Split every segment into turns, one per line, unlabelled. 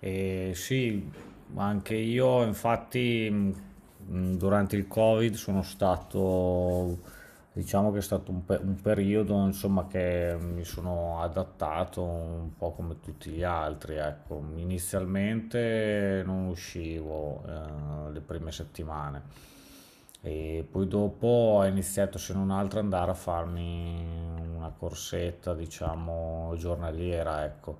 Sì, anche io, infatti, durante il Covid sono stato, diciamo che è stato un periodo, insomma, che mi sono adattato un po' come tutti gli altri, ecco. Inizialmente non uscivo, le prime settimane. E poi dopo ho iniziato, se non altro, ad andare a farmi una corsetta, diciamo, giornaliera, ecco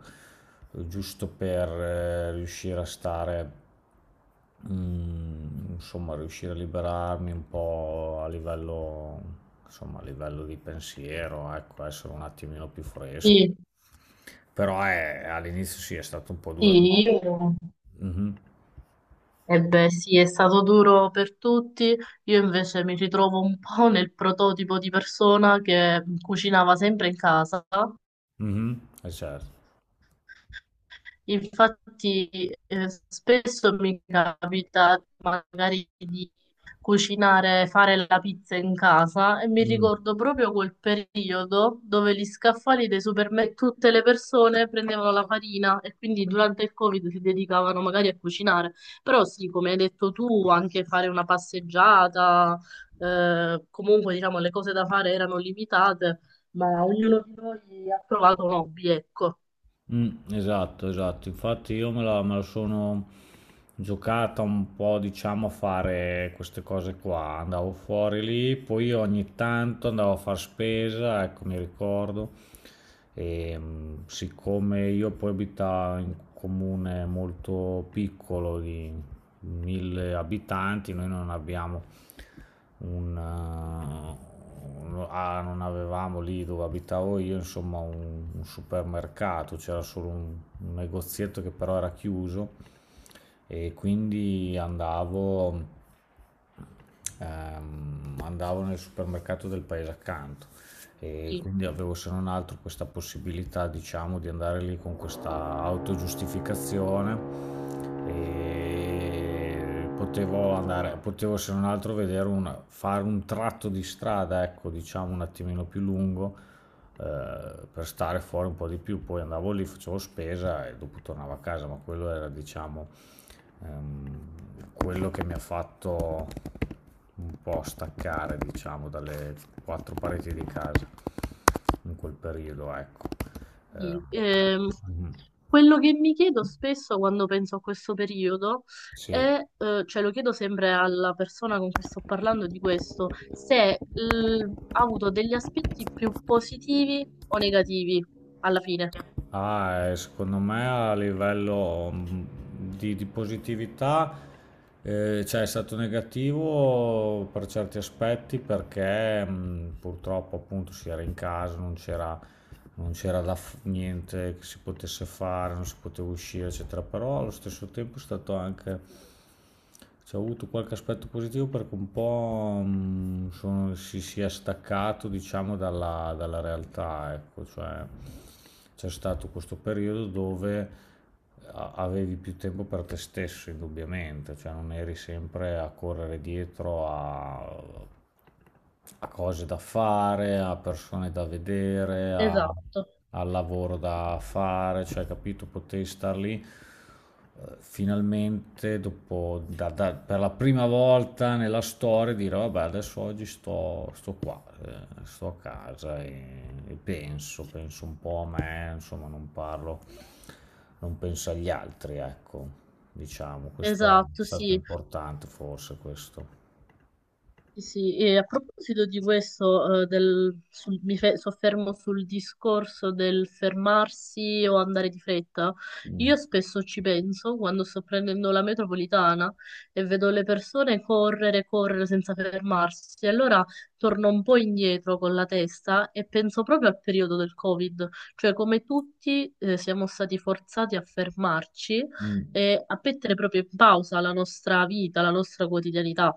giusto per riuscire a stare, insomma, riuscire a liberarmi un po' a livello, insomma, a livello di pensiero, ecco, essere un attimino più fresco.
Sì,
Però all'inizio sì, è stato un po' duro.
sì,
Mhm,
sì, è stato duro per tutti. Io invece mi ritrovo un po' nel prototipo di persona che cucinava sempre in casa.
mhm, certo.
Infatti, spesso mi capita magari di cucinare, fare la pizza in casa e mi ricordo proprio quel periodo dove gli scaffali dei supermercati, tutte le persone prendevano la farina e quindi durante il Covid si dedicavano magari a cucinare. Però sì, come hai detto tu, anche fare una passeggiata, comunque diciamo le cose da fare erano limitate, ma ognuno di noi ha trovato un hobby, ecco.
Mm, esatto, esatto. Infatti io me la sono giocata un po', diciamo, a fare queste cose qua. Andavo fuori lì, poi ogni tanto andavo a far spesa, ecco, mi ricordo. E, siccome io poi abitavo in un comune molto piccolo di 1.000 abitanti, noi non abbiamo un, eh, non avevamo lì dove abitavo io, insomma, un supermercato, c'era solo un negozietto che però era chiuso e quindi andavo nel supermercato del paese accanto, e
Sì.
quindi avevo, se non altro, questa possibilità, diciamo, di andare lì con questa autogiustificazione, e potevo andare, potevo se non altro vedere, fare un tratto di strada, ecco, diciamo, un attimino più lungo per stare fuori un po' di più. Poi andavo lì, facevo spesa e dopo tornavo a casa, ma quello era, diciamo, Ehm, quello che mi ha fatto un po' staccare, diciamo, dalle quattro pareti di casa in quel periodo, ecco. Ehm,
Sì,
mhm,
quello che mi chiedo spesso quando penso a questo periodo
sì.
è, cioè lo chiedo sempre alla persona con cui sto parlando di questo, se l- ha avuto degli aspetti più positivi o negativi alla fine.
Ah, secondo me a livello di, positività, cioè è stato negativo per certi aspetti perché purtroppo, appunto, si era in casa, non c'era niente che si potesse fare, non si poteva uscire, eccetera, però allo stesso tempo è stato anche, c'è avuto qualche aspetto positivo, perché un po' si è staccato, diciamo, dalla realtà, ecco, cioè c'è stato questo periodo dove avevi più tempo per te stesso, indubbiamente, cioè non eri sempre a correre dietro a cose da fare, a persone da vedere,
Esatto,
al lavoro da fare, cioè, capito, potevi star lì finalmente, dopo, per la prima volta nella storia, dire, vabbè, adesso oggi sto qua, sto a casa e penso un po' a me, insomma, non parlo, non penso agli altri, ecco, diciamo, questo è
esatto,
stato
sì.
importante, forse, questo.
Sì, sì, e a proposito di questo, soffermo sul discorso del fermarsi o andare di fretta.
Mm.
Io spesso ci penso quando sto prendendo la metropolitana e vedo le persone correre, correre senza fermarsi. Allora torno un po' indietro con la testa e penso proprio al periodo del Covid, cioè come tutti, siamo stati forzati a fermarci
Mm.
e a mettere proprio in pausa la nostra vita, la nostra quotidianità.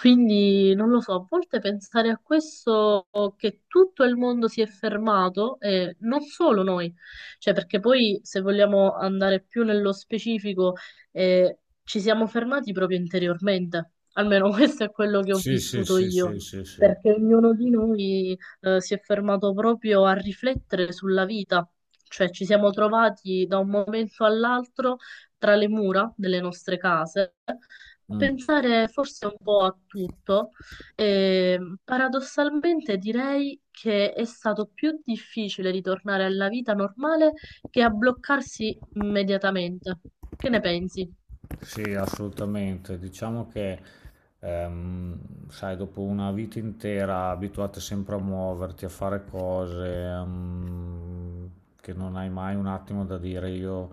Quindi non lo so, a volte pensare a questo che tutto il mondo si è fermato e non solo noi, cioè perché poi se vogliamo andare più nello specifico eh, ci siamo fermati proprio interiormente, almeno questo è quello che ho
Sì, sì,
vissuto
sì,
io.
sì, sì, sì.
Perché ognuno di noi si è fermato proprio a riflettere sulla vita, cioè ci siamo trovati da un momento all'altro tra le mura delle nostre case, a
Mm.
pensare forse un po' a tutto. E, paradossalmente direi che è stato più difficile ritornare alla vita normale che a bloccarsi immediatamente. Che ne pensi?
Sì, assolutamente. Diciamo che, ehm, sai, dopo una vita intera abituata sempre a muoverti, a fare cose, che non hai mai un attimo da dire: io,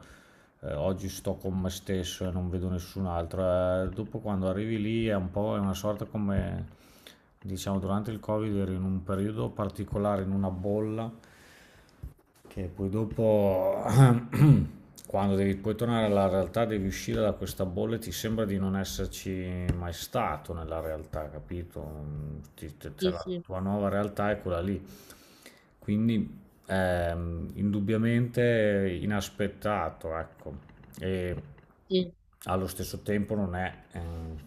oggi, sto con me stesso e non vedo nessun altro. Dopo, quando arrivi lì, è un po', è una sorta come, diciamo, durante il Covid ero in un periodo particolare, in una bolla, che poi dopo, quando devi poi tornare alla realtà, devi uscire da questa bolla e ti sembra di non esserci mai stato nella realtà, capito? Cioè,
Sì,
la
sì,
tua nuova realtà è quella lì. Quindi, indubbiamente, inaspettato, ecco, e
sì, sì.
allo stesso tempo non è,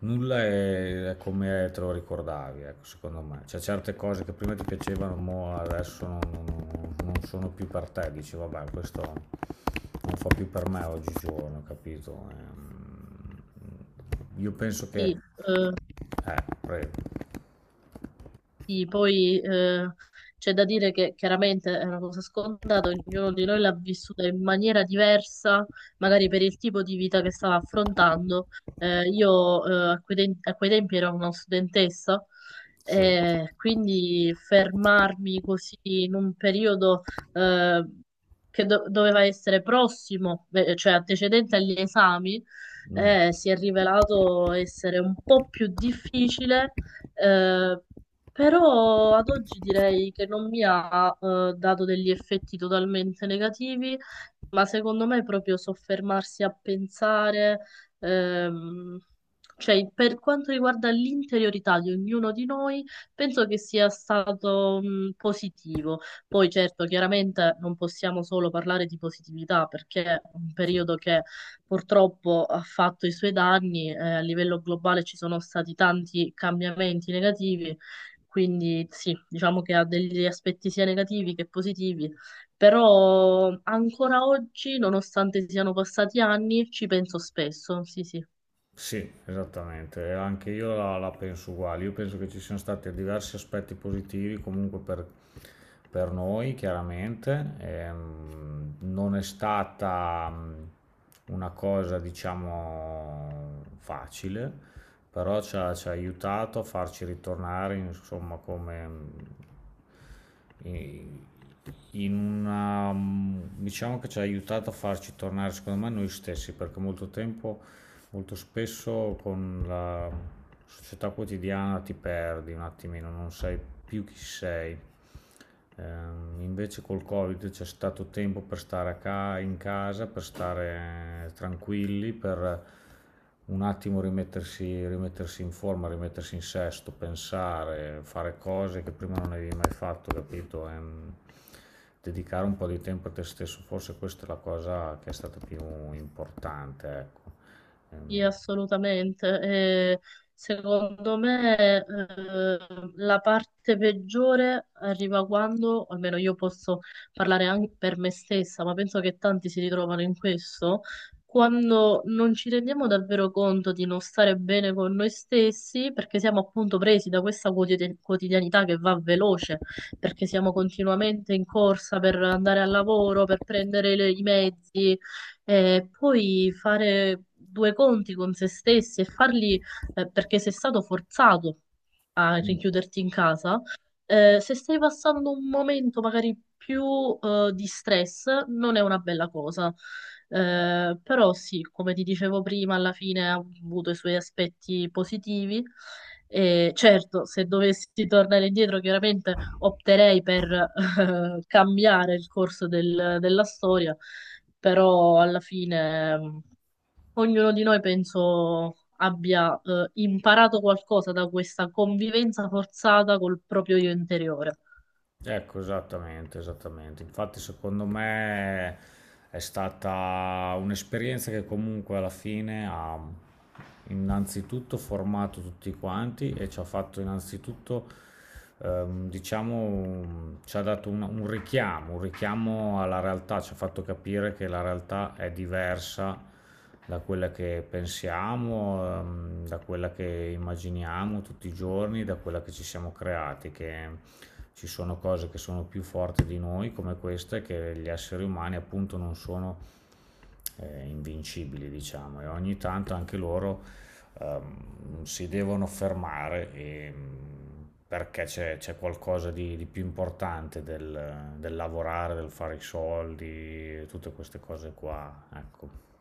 nulla è, come te lo ricordavi, ecco, secondo me. C'è certe cose che prima ti piacevano, mo adesso non sono più per te, dici vabbè, questo non fa più per me oggigiorno, capito? Io penso
sì,
che...
eh,
Prego,
Sì, poi, c'è da dire che chiaramente è una cosa scontata, ognuno di noi l'ha vissuta in maniera diversa, magari per il tipo di vita che stava affrontando. Io, a a quei tempi ero una studentessa,
sì,
e quindi fermarmi così in un periodo eh, che doveva essere prossimo, cioè antecedente agli esami,
mm,
si è rivelato essere un po' più difficile, eh, però ad oggi direi che non mi ha dato degli effetti totalmente negativi, ma secondo me proprio soffermarsi a pensare, ehm, cioè per quanto riguarda l'interiorità di ognuno di noi, penso che sia stato positivo. Poi certo, chiaramente non possiamo solo parlare di positività perché è un
sì.
periodo che purtroppo ha fatto i suoi danni, a livello globale ci sono stati tanti cambiamenti negativi, quindi sì, diciamo che ha degli aspetti sia negativi che positivi, però ancora oggi, nonostante siano passati anni, ci penso spesso. Sì, sì.
Sì, esattamente, e anche io la penso uguale. Io penso che ci siano stati diversi aspetti positivi comunque per noi, chiaramente. Non è stata una cosa, diciamo, facile, però ci ha aiutato a farci ritornare, insomma, come in una... diciamo che ci ha aiutato a farci tornare, secondo me, noi stessi, perché molto spesso con la società quotidiana ti perdi un attimino, non sai più chi sei. Invece col Covid c'è stato tempo per stare in casa, per stare tranquilli, per un attimo rimettersi, rimettersi in forma, rimettersi in sesto, pensare, fare cose che prima non avevi mai fatto, capito? Dedicare un po' di tempo a te stesso, forse questa è la cosa che è stata più importante, ecco.
Sì,
Ehm,
assolutamente. Secondo me, la parte peggiore arriva quando, o almeno io posso parlare anche per me stessa, ma penso che tanti si ritrovano in questo, quando non ci rendiamo davvero conto di non stare bene con noi stessi, perché siamo appunto presi da questa quotidianità che va veloce, perché siamo continuamente in corsa per andare al lavoro, per prendere i mezzi e poi fare due conti con se stessi e farli, perché sei stato forzato a richiuderti in casa, se stai passando un momento magari più, di stress, non è una bella cosa. Però sì, come ti dicevo prima, alla fine ha avuto i suoi aspetti positivi. E certo, se dovessi tornare indietro, chiaramente opterei per cambiare il corso della storia, però alla fine ognuno di noi penso abbia imparato qualcosa da questa convivenza forzata col proprio io interiore.
Ecco, esattamente, esattamente. Infatti, secondo me, è stata un'esperienza che comunque alla fine ha, innanzitutto, formato tutti quanti, e ci ha fatto, innanzitutto, diciamo, ci ha dato un richiamo, un richiamo, alla realtà, ci ha fatto capire che la realtà è diversa da quella che pensiamo, da quella che immaginiamo tutti i giorni, da quella che ci siamo creati, che ci sono cose che sono più forti di noi, come queste, che gli esseri umani, appunto, non sono invincibili, diciamo, e ogni tanto anche loro, si devono fermare e, perché c'è qualcosa di più importante del lavorare, del fare i soldi, tutte queste cose qua, ecco.